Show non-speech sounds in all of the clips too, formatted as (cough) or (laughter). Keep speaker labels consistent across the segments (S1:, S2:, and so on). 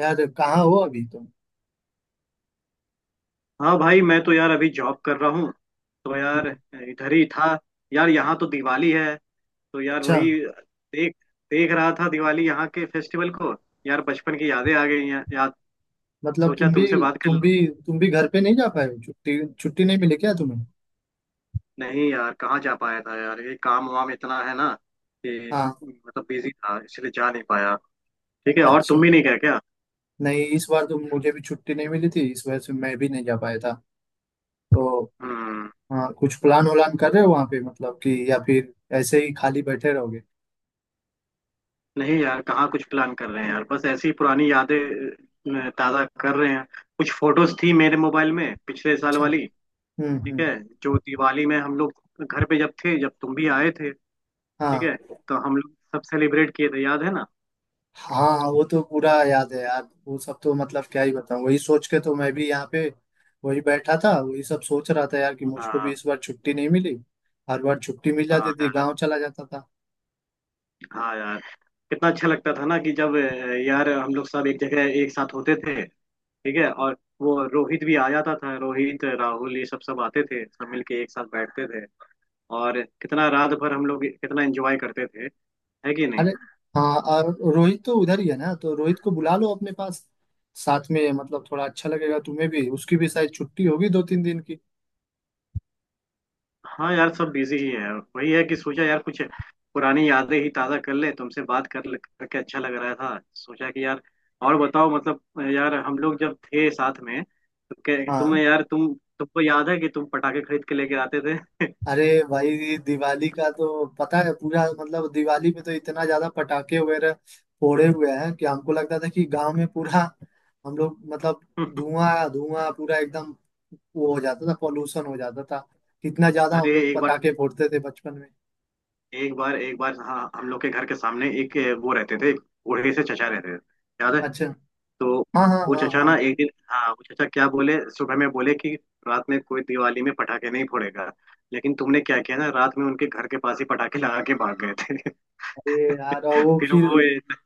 S1: यार कहाँ हो अभी तुम?
S2: हाँ भाई, मैं तो यार अभी जॉब कर रहा हूँ। तो यार, इधर ही था। यार, यहाँ तो दिवाली है। तो यार,
S1: अच्छा।
S2: वही देख देख रहा था, दिवाली यहाँ के फेस्टिवल को। यार, बचपन की यादें आ गई हैं याद।
S1: मतलब
S2: सोचा तुमसे बात कर
S1: तुम
S2: लूँ।
S1: भी तुम भी घर पे नहीं जा पाए हो? छुट्टी छुट्टी नहीं मिली क्या तुम्हें?
S2: नहीं यार, कहाँ जा पाया था यार, ये काम वाम इतना है ना कि
S1: हाँ।
S2: मतलब बिजी था, इसलिए जा नहीं पाया। ठीक है, और तुम
S1: अच्छा।
S2: भी नहीं गए क्या?
S1: नहीं, इस बार तो मुझे भी छुट्टी नहीं मिली थी, इस वजह से मैं भी नहीं जा पाया था। तो।
S2: हम्म।
S1: हाँ, कुछ प्लान उलान कर रहे हो वहाँ पे, मतलब कि, या फिर ऐसे ही खाली बैठे रहोगे?
S2: नहीं यार, कहाँ कुछ प्लान कर रहे हैं यार, बस ऐसी पुरानी यादें ताज़ा कर रहे हैं। कुछ फोटोज थी मेरे मोबाइल में, पिछले साल
S1: अच्छा।
S2: वाली।
S1: हम्म।
S2: ठीक
S1: हम्म।
S2: है, जो दिवाली में हम लोग घर पे जब थे, जब तुम भी आए थे। ठीक
S1: हाँ,
S2: है। तो हम लोग सब सेलिब्रेट किए थे, याद है ना?
S1: हाँ, वो तो पूरा याद है यार। वो सब तो मतलब क्या ही बताऊं, वही सोच के तो मैं भी यहाँ पे वही बैठा था, वही सब सोच रहा था यार, कि मुझको भी
S2: हाँ।
S1: इस बार छुट्टी नहीं मिली। हर बार छुट्टी मिल जाती
S2: हाँ
S1: थी,
S2: यार।
S1: गांव चला जाता था।
S2: हाँ यार, कितना अच्छा लगता था ना कि जब यार हम लोग सब एक जगह एक साथ होते थे। ठीक है, और वो रोहित भी आ जाता था, रोहित राहुल ये सब सब आते थे, सब मिलके एक साथ बैठते थे। और कितना रात भर हम लोग कितना एंजॉय करते थे, है कि नहीं?
S1: अरे, हाँ, और रोहित तो उधर ही है ना, तो रोहित को बुला लो अपने पास। साथ में मतलब थोड़ा अच्छा लगेगा, तुम्हें भी उसकी भी शायद छुट्टी होगी 2-3 दिन की।
S2: हाँ यार, सब बिजी ही है। वही है कि सोचा यार कुछ पुरानी यादें ही ताज़ा कर ले, तुमसे बात कर ले करके अच्छा लग रहा था। सोचा कि यार और बताओ, मतलब यार, हम लोग जब थे साथ में तो
S1: हाँ।
S2: तुम्हें यार, तुमको याद है कि तुम पटाखे खरीद के लेके आते थे?
S1: अरे भाई, दिवाली का तो पता है पूरा, मतलब दिवाली में तो इतना ज्यादा पटाखे वगैरह फोड़े हुए हैं कि हमको लगता था कि गांव में पूरा, हम लोग मतलब,
S2: (laughs)
S1: धुआं धुआं पूरा एकदम वो हो जाता था, पॉल्यूशन हो जाता था। कितना ज्यादा
S2: अरे,
S1: हम लोग
S2: एक बार,
S1: पटाखे फोड़ते थे बचपन में।
S2: हाँ, हम लोग के घर के सामने एक वो रहते थे, बूढ़े से चचा रहते थे, याद है?
S1: अच्छा।
S2: तो
S1: हाँ, हाँ,
S2: वो
S1: हाँ,
S2: चचा
S1: हाँ।
S2: ना एक दिन, हाँ, वो चचा क्या बोले सुबह में, बोले कि रात में कोई दिवाली में पटाखे नहीं फोड़ेगा। लेकिन तुमने क्या किया ना, रात में उनके घर के पास ही पटाखे लगा के भाग गए थे।
S1: अरे यार, और
S2: (laughs)
S1: वो
S2: फिर
S1: फिर,
S2: वो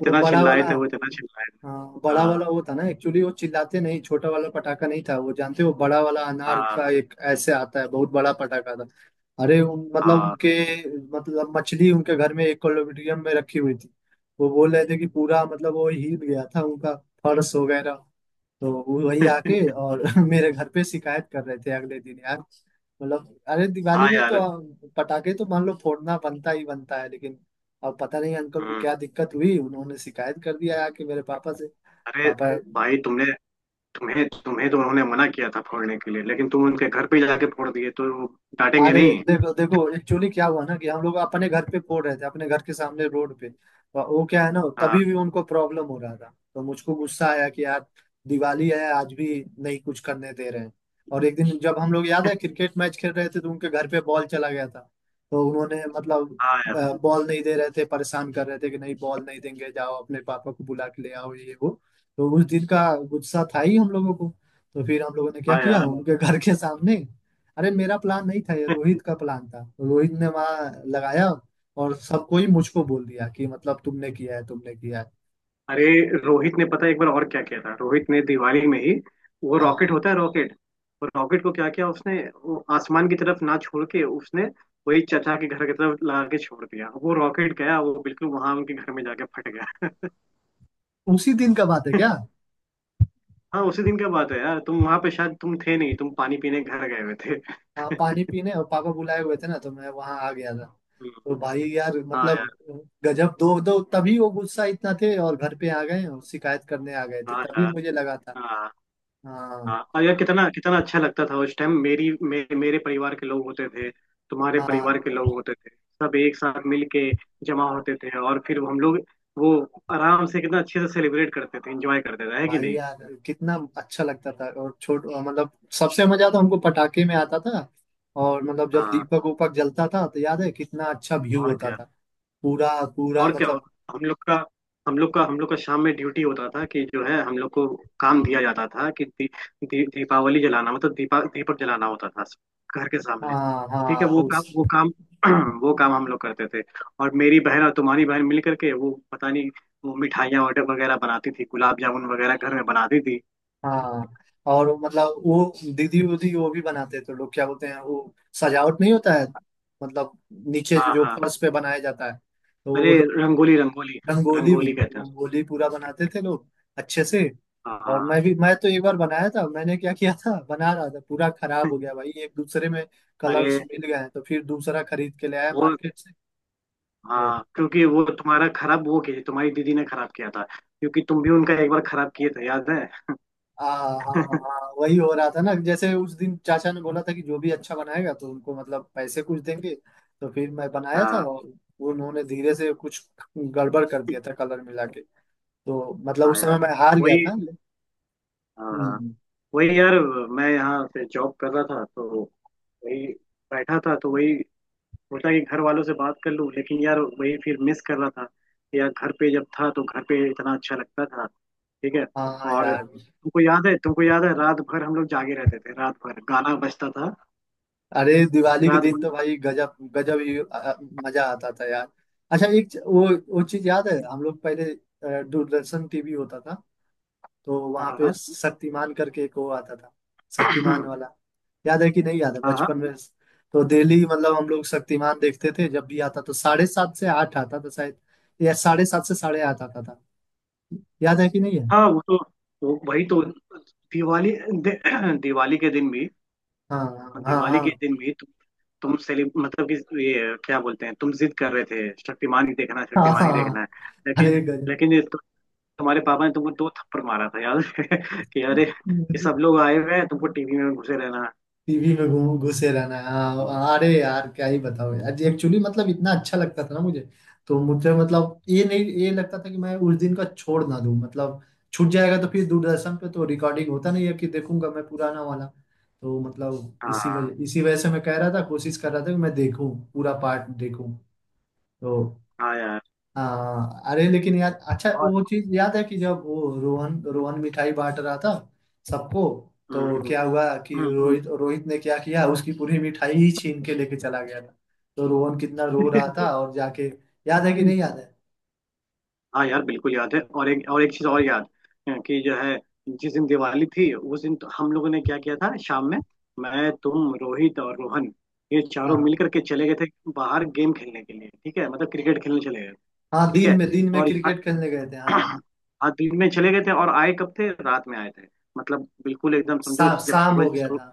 S1: वो बड़ा
S2: चिल्लाए
S1: वाला।
S2: थे, वो इतना चिल्लाए थे।
S1: हाँ, बड़ा वाला
S2: हाँ
S1: वो था ना। एक्चुअली वो चिल्लाते, नहीं, छोटा वाला पटाखा नहीं था वो, जानते हो, बड़ा वाला अनार
S2: हाँ
S1: का एक ऐसे आता है, बहुत बड़ा पटाखा था। अरे, उन मतलब
S2: हाँ।
S1: उनके, मतलब मछली उनके घर में एक्वेरियम में रखी हुई थी। वो बोल रहे थे कि पूरा मतलब वो हिल गया था उनका, फर्श वगैरह। तो वो वही
S2: (laughs)
S1: आके और (laughs) मेरे घर पे शिकायत कर रहे थे अगले दिन यार। मतलब, अरे दिवाली
S2: हाँ
S1: में तो
S2: यार।
S1: पटाखे तो मान लो फोड़ना बनता ही बनता है, लेकिन अब पता नहीं अंकल को
S2: हम्म।
S1: क्या दिक्कत हुई, उन्होंने शिकायत कर दिया आके मेरे पापा से।
S2: अरे
S1: पापा।
S2: भाई, तुमने, तुम्हें तुम्हें तो उन्होंने मना किया था फोड़ने के लिए, लेकिन तुम उनके घर पे जाके फोड़ दिए तो वो डांटेंगे
S1: अरे,
S2: नहीं?
S1: देखो देखो, एक्चुअली क्या हुआ ना कि हम लोग अपने घर पे फोड़ रहे थे, अपने घर के सामने रोड पे, और वो क्या है ना,
S2: हाँ।
S1: तभी भी उनको प्रॉब्लम हो रहा था, तो मुझको गुस्सा आया कि यार दिवाली है आज भी, नहीं कुछ करने दे रहे हैं। और एक दिन जब हम लोग, याद है, क्रिकेट मैच खेल रहे थे, तो उनके घर पे बॉल चला गया था, तो उन्होंने मतलब
S2: हाँ यार।
S1: बॉल नहीं दे रहे थे, परेशान कर रहे थे कि नहीं बॉल नहीं देंगे, जाओ अपने पापा को बुला के ले आओ, ये वो। तो उस दिन का गुस्सा था ही हम लोगों को, तो फिर हम लोगों ने क्या
S2: हाँ
S1: किया
S2: यार।
S1: उनके घर के सामने। अरे मेरा प्लान नहीं था, ये रोहित का प्लान था, तो रोहित ने वहां लगाया, और सबको ही मुझको बोल दिया कि, मतलब, तुमने किया है, तुमने किया है।
S2: अरे रोहित ने पता है एक बार और क्या किया था, रोहित ने दिवाली में ही, वो रॉकेट
S1: हाँ,
S2: होता है रॉकेट, वो रॉकेट को क्या किया उसने, वो आसमान की तरफ ना छोड़ के उसने वही चचा के घर की तरफ लगा के छोड़ दिया। वो रॉकेट गया, वो बिल्कुल वहां उनके घर में जाके फट गया।
S1: उसी दिन का बात है क्या?
S2: (laughs) हाँ, उसी दिन का बात है यार। तुम वहां पे शायद तुम थे नहीं, तुम पानी पीने घर गए हुए थे।
S1: हाँ,
S2: (laughs)
S1: पानी पीने, और पापा बुलाए हुए थे ना, तो मैं वहां आ गया था। तो भाई यार,
S2: हाँ
S1: मतलब
S2: यार।
S1: गजब। दो दो तभी वो गुस्सा इतना थे, और घर पे आ गए और शिकायत करने आ गए थे,
S2: हाँ
S1: तभी
S2: यार।
S1: मुझे लगा था।
S2: हाँ।
S1: हाँ।
S2: हाँ, और यार कितना कितना अच्छा लगता था। उस टाइम मेरी, मेरे परिवार के लोग होते थे, तुम्हारे
S1: हाँ,
S2: परिवार के लोग होते थे, सब एक साथ मिल के जमा होते थे, और फिर हम लोग वो आराम से कितना अच्छे से सेलिब्रेट करते थे, एंजॉय करते थे, है कि
S1: भाई
S2: नहीं?
S1: यार कितना अच्छा लगता था। और छोट मतलब सबसे मजा तो हमको पटाखे में आता था। और मतलब जब
S2: हाँ,
S1: दीपक उपक जलता था तो याद है कितना अच्छा व्यू
S2: और
S1: होता
S2: क्या?
S1: था, पूरा, पूरा
S2: और क्या? और
S1: मतलब।
S2: हम लोग का हम लोग का शाम में ड्यूटी होता था कि जो है, हम लोग को काम दिया जाता था कि दी, दी, दीपावली जलाना, मतलब दीपा दीपक जलाना होता था घर के सामने।
S1: हाँ,
S2: ठीक है,
S1: हाँ। उस।
S2: वो काम (clears throat) वो काम हम लोग करते थे। और मेरी बहन और तुम्हारी बहन मिल करके, वो पता नहीं, वो मिठाइयाँ ऑर्डर वगैरह बनाती थी, गुलाब जामुन वगैरह घर में बनाती थी।
S1: हाँ, और मतलब वो दीदी उदी वो भी बनाते थे, लोग क्या बोलते हैं वो, सजावट नहीं होता है, मतलब नीचे जो
S2: हाँ
S1: जो
S2: हाँ।
S1: फर्श पे बनाया जाता है, तो
S2: अरे,
S1: वो,
S2: रंगोली रंगोली।
S1: रंगोली भी,
S2: रंगोली कहते हैं उसको।
S1: रंगोली पूरा बनाते थे लोग, अच्छे से।
S2: हाँ
S1: और
S2: हाँ।
S1: मैं तो एक बार बनाया था, मैंने क्या किया था, बना रहा था, पूरा खराब हो गया भाई, एक दूसरे में
S2: अरे
S1: कलर्स मिल गए हैं, तो फिर दूसरा खरीद के ले आया
S2: वो,
S1: मार्केट से। तो
S2: हाँ, क्योंकि वो तुम्हारा खराब वो किया, तुम्हारी दीदी ने खराब किया था, क्योंकि तुम भी उनका एक बार खराब किए थे, याद है?
S1: हाँ, हाँ, वही हो रहा था ना, जैसे उस दिन चाचा ने बोला था कि जो भी अच्छा बनाएगा तो उनको मतलब पैसे कुछ देंगे। तो फिर मैं बनाया था,
S2: हाँ।
S1: और उन्होंने धीरे से कुछ गड़बड़ कर दिया था, कलर मिला के। तो मतलब
S2: हाँ
S1: उस
S2: यार,
S1: समय मैं हार गया
S2: वही।
S1: था।
S2: हाँ,
S1: हम्म।
S2: वही यार। मैं यहाँ पे जॉब कर रहा था, तो वही बैठा था, तो वही सोचा कि घर वालों से बात कर लूँ, लेकिन यार वही फिर मिस कर रहा था कि यार घर पे जब था तो घर पे इतना अच्छा लगता था। ठीक है,
S1: हाँ
S2: और
S1: यार।
S2: तुमको याद है रात भर हम लोग जागे रहते थे, रात भर गाना बजता था,
S1: अरे दिवाली के
S2: रात
S1: दिन
S2: भर।
S1: तो भाई गजब गजब ही मजा आता था यार। अच्छा एक वो चीज याद है, हम लोग पहले दूरदर्शन टीवी होता था, तो वहां
S2: हाँ
S1: पे
S2: हाँ।
S1: शक्तिमान करके एक वो आता था, शक्तिमान वाला। याद है कि नहीं, याद है
S2: (clears throat) हाँ।
S1: बचपन में। तो डेली मतलब हम लोग शक्तिमान देखते थे, जब भी आता तो 7:30 से 8 आता था शायद, या 7:30 से 8:30 आता था। याद है कि नहीं है?
S2: हाँ वो तो वही तो, दिवाली, (clears throat) दिवाली के दिन भी,
S1: हाँ, हाँ, हाँ,
S2: दिवाली के दिन भी तु, तुम सेलि मतलब कि ये क्या बोलते हैं, तुम जिद कर रहे थे शक्तिमान ही देखना है,
S1: हाँ, हाँ,
S2: शक्तिमान
S1: हाँ,
S2: ही
S1: हाँ।
S2: देखना है।
S1: अरे
S2: लेकिन लेकिन ये तो, तुम्हारे पापा ने तुमको दो थप्पड़ मारा था, याद है? (laughs) कि अरे, कि सब
S1: गजब।
S2: लोग आए हुए हैं, तुमको टीवी में घुसे रहना है।
S1: टीवी में घूम घुसे रहना हाँ, अरे यार क्या ही बताओ यार, एक्चुअली मतलब इतना अच्छा लगता था ना मुझे। तो मुझे मतलब ये नहीं, ये लगता था कि मैं उस दिन का छोड़ ना दूं, मतलब छूट जाएगा, तो फिर दूरदर्शन पे तो रिकॉर्डिंग होता नहीं है कि देखूंगा मैं पुराना वाला। तो मतलब इसी
S2: हाँ
S1: वजह इसी वजह से मैं कह रहा था, कोशिश कर रहा था कि मैं देखूं, पूरा पार्ट देखूं। तो।
S2: हाँ यार।
S1: हाँ, अरे लेकिन यार, अच्छा
S2: और
S1: वो चीज याद है कि जब वो रोहन रोहन मिठाई बांट रहा था सबको, तो
S2: हम्म
S1: क्या हुआ कि
S2: हम्म।
S1: रोहित रोहित ने क्या किया, उसकी पूरी मिठाई ही छीन के लेके चला गया था। तो रोहन कितना रो रहा था। हम्म। और जाके, याद है कि नहीं,
S2: (laughs)
S1: याद है।
S2: हाँ यार, बिल्कुल याद है। और एक चीज और याद है कि जो है, जिस दिन दिवाली थी उस दिन तो हम लोगों ने क्या किया था शाम में, मैं, तुम, रोहित और रोहन, ये चारों
S1: हाँ,
S2: मिल करके चले गए थे बाहर गेम खेलने के लिए। ठीक है, मतलब क्रिकेट खेलने चले गए।
S1: हाँ,
S2: ठीक
S1: दिन
S2: है,
S1: में दिन में
S2: और
S1: क्रिकेट खेलने गए थे हाँ।
S2: यहाँ (clears throat) आज दिन में चले गए थे, और आए कब थे, रात में आए थे। मतलब बिल्कुल एकदम समझो जब
S1: शाम हो गया था,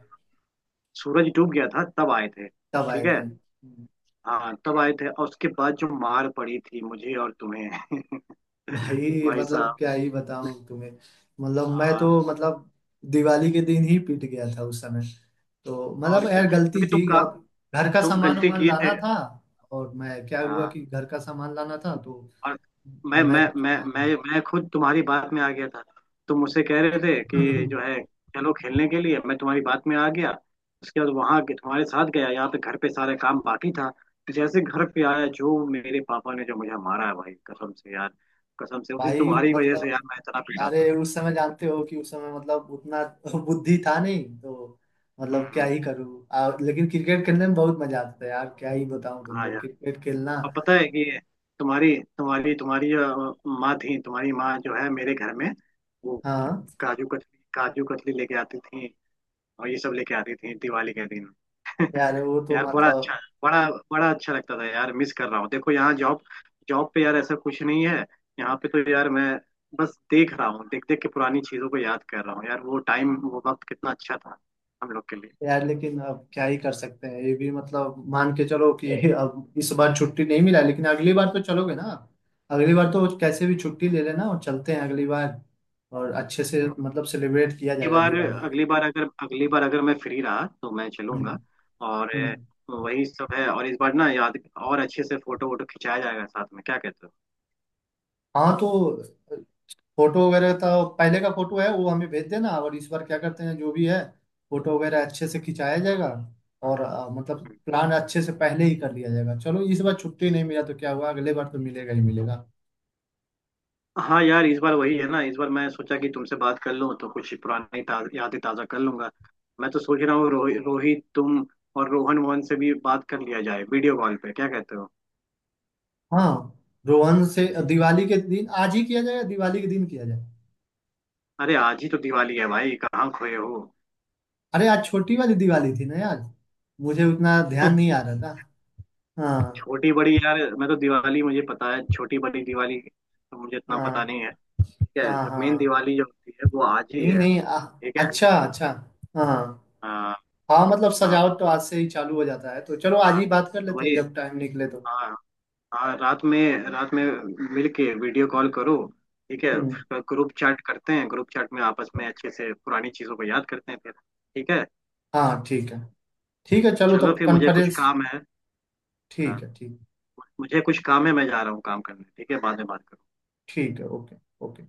S2: सूरज डूब गया था तब आए थे।
S1: तब आए
S2: ठीक है,
S1: थे।
S2: हाँ तब आए थे। और उसके बाद जो मार पड़ी थी मुझे और तुम्हें। (laughs)
S1: भाई
S2: भाई
S1: मतलब
S2: साहब।
S1: क्या ही बताऊं तुम्हें, मतलब मैं तो
S2: हाँ,
S1: मतलब दिवाली के दिन ही पिट गया था उस समय। तो
S2: और
S1: मतलब
S2: क्या,
S1: यार गलती
S2: क्योंकि
S1: थी,
S2: तुम का
S1: अब घर का
S2: तुम
S1: सामान
S2: गलती
S1: वामान
S2: किए थे।
S1: लाना था, और मैं, क्या हुआ
S2: हाँ,
S1: कि घर का सामान लाना था, तो
S2: और मैं
S1: मैं
S2: मैं
S1: (laughs) कुछ
S2: मैं मैं
S1: लाया
S2: मैं खुद तुम्हारी बात में आ गया था। तुम मुझसे कह रहे थे कि जो
S1: नहीं।
S2: है चलो खेलने के लिए, मैं तुम्हारी बात में आ गया, उसके बाद वहां के तुम्हारे साथ गया, यहाँ पे घर पे सारा काम बाकी था। जैसे घर पे आया, जो मेरे पापा ने जो मुझे मारा है भाई, कसम से यार, कसम से
S1: (laughs)
S2: उस दिन
S1: भाई
S2: तुम्हारी वजह से
S1: मतलब,
S2: यार मैं इतना पीटा
S1: अरे
S2: था।
S1: उस समय जानते हो कि उस समय मतलब उतना (laughs) बुद्धि था नहीं। तो मतलब क्या
S2: हम्म।
S1: ही करूँ, लेकिन क्रिकेट खेलने में बहुत मजा आता था यार, क्या ही बताऊं
S2: हाँ
S1: तुमको,
S2: यार,
S1: क्रिकेट खेलना।
S2: अब पता है कि तुम्हारी तुम्हारी तुम्हारी माँ थी, तुम्हारी माँ जो है, मेरे घर में वो
S1: हाँ
S2: काजू कतली, काजू कतली लेके आती थी, और ये सब लेके आती थी दिवाली के दिन। (laughs)
S1: यार, वो तो
S2: यार बड़ा अच्छा,
S1: मतलब।
S2: बड़ा बड़ा अच्छा लगता था यार, मिस कर रहा हूँ। देखो यहाँ जॉब जॉब पे यार ऐसा कुछ नहीं है। यहाँ पे तो यार मैं बस देख रहा हूँ, देख देख के पुरानी चीजों को याद कर रहा हूँ यार, वो टाइम वो वक्त कितना अच्छा था हम लोग के लिए।
S1: यार लेकिन अब क्या ही कर सकते हैं, ये भी मतलब मान के चलो कि (laughs) अब इस बार छुट्टी नहीं मिला, लेकिन अगली बार तो चलोगे ना? अगली बार तो कैसे भी छुट्टी ले लेना, और चलते हैं अगली बार, और अच्छे से मतलब सेलिब्रेट किया
S2: अगली
S1: जाएगा
S2: बार,
S1: दिवाली।
S2: अगली बार अगर मैं फ्री रहा तो मैं चलूंगा।
S1: हम्म।
S2: और
S1: हम्म।
S2: वही सब है। और इस बार ना याद, और अच्छे से फोटो वोटो खिंचाया जाएगा साथ में, क्या कहते
S1: हाँ तो, फोटो वगैरह का, पहले का फोटो है वो हमें भेज देना, और इस बार क्या करते हैं, जो भी है, फोटो वगैरह अच्छे से खिंचाया जाएगा। और मतलब
S2: हो?
S1: प्लान अच्छे से पहले ही कर लिया जाएगा। चलो इस बार छुट्टी नहीं मिला तो क्या हुआ, अगले बार तो मिलेगा ही मिलेगा।
S2: हाँ यार, इस बार वही है ना, इस बार मैं सोचा कि तुमसे बात कर लूँ तो कुछ पुरानी यादें ताज़ा कर लूंगा। मैं तो सोच रहा हूँ रोहित, तुम और रोहन मोहन से भी बात कर लिया जाए, वीडियो कॉल पे, क्या कहते हो?
S1: हाँ। रोहन से दिवाली के दिन, आज ही किया जाए या दिवाली के दिन किया जाए?
S2: अरे आज ही तो दिवाली है भाई, कहाँ खोए हो?
S1: अरे आज छोटी वाली दिवाली थी ना यार, मुझे उतना ध्यान
S2: (laughs)
S1: नहीं आ रहा था। हाँ,
S2: छोटी बड़ी यार, मैं तो दिवाली मुझे पता है, छोटी बड़ी दिवाली तो मुझे इतना पता
S1: हाँ,
S2: नहीं है। ठीक है,
S1: हाँ,
S2: जो मेन
S1: हाँ।
S2: दिवाली जो होती है वो आज ही
S1: नहीं,
S2: है।
S1: नहीं,
S2: ठीक है।
S1: अच्छा, अच्छा। हाँ, हाँ,
S2: हाँ
S1: हाँ, मतलब
S2: हाँ
S1: सजावट तो आज से ही चालू हो जाता है, तो चलो आज
S2: हाँ,
S1: ही बात कर
S2: तो
S1: लेते हैं
S2: वही।
S1: जब टाइम निकले तो।
S2: हाँ। हाँ, रात में, रात में मिलके वीडियो कॉल करो। ठीक है,
S1: हम्म।
S2: उसका ग्रुप चैट करते हैं, ग्रुप चैट में आपस में अच्छे से पुरानी चीजों को याद करते हैं फिर। ठीक है,
S1: हाँ ठीक है। ठीक है चलो,
S2: चलो
S1: तब
S2: फिर मुझे कुछ
S1: कॉन्फ्रेंस।
S2: काम है। हाँ,
S1: ठीक है, ठीक।
S2: मुझे कुछ काम है, मैं जा रहा हूँ काम करने। ठीक है, बाद में बात करते हैं।
S1: ठीक है। ओके। ओके।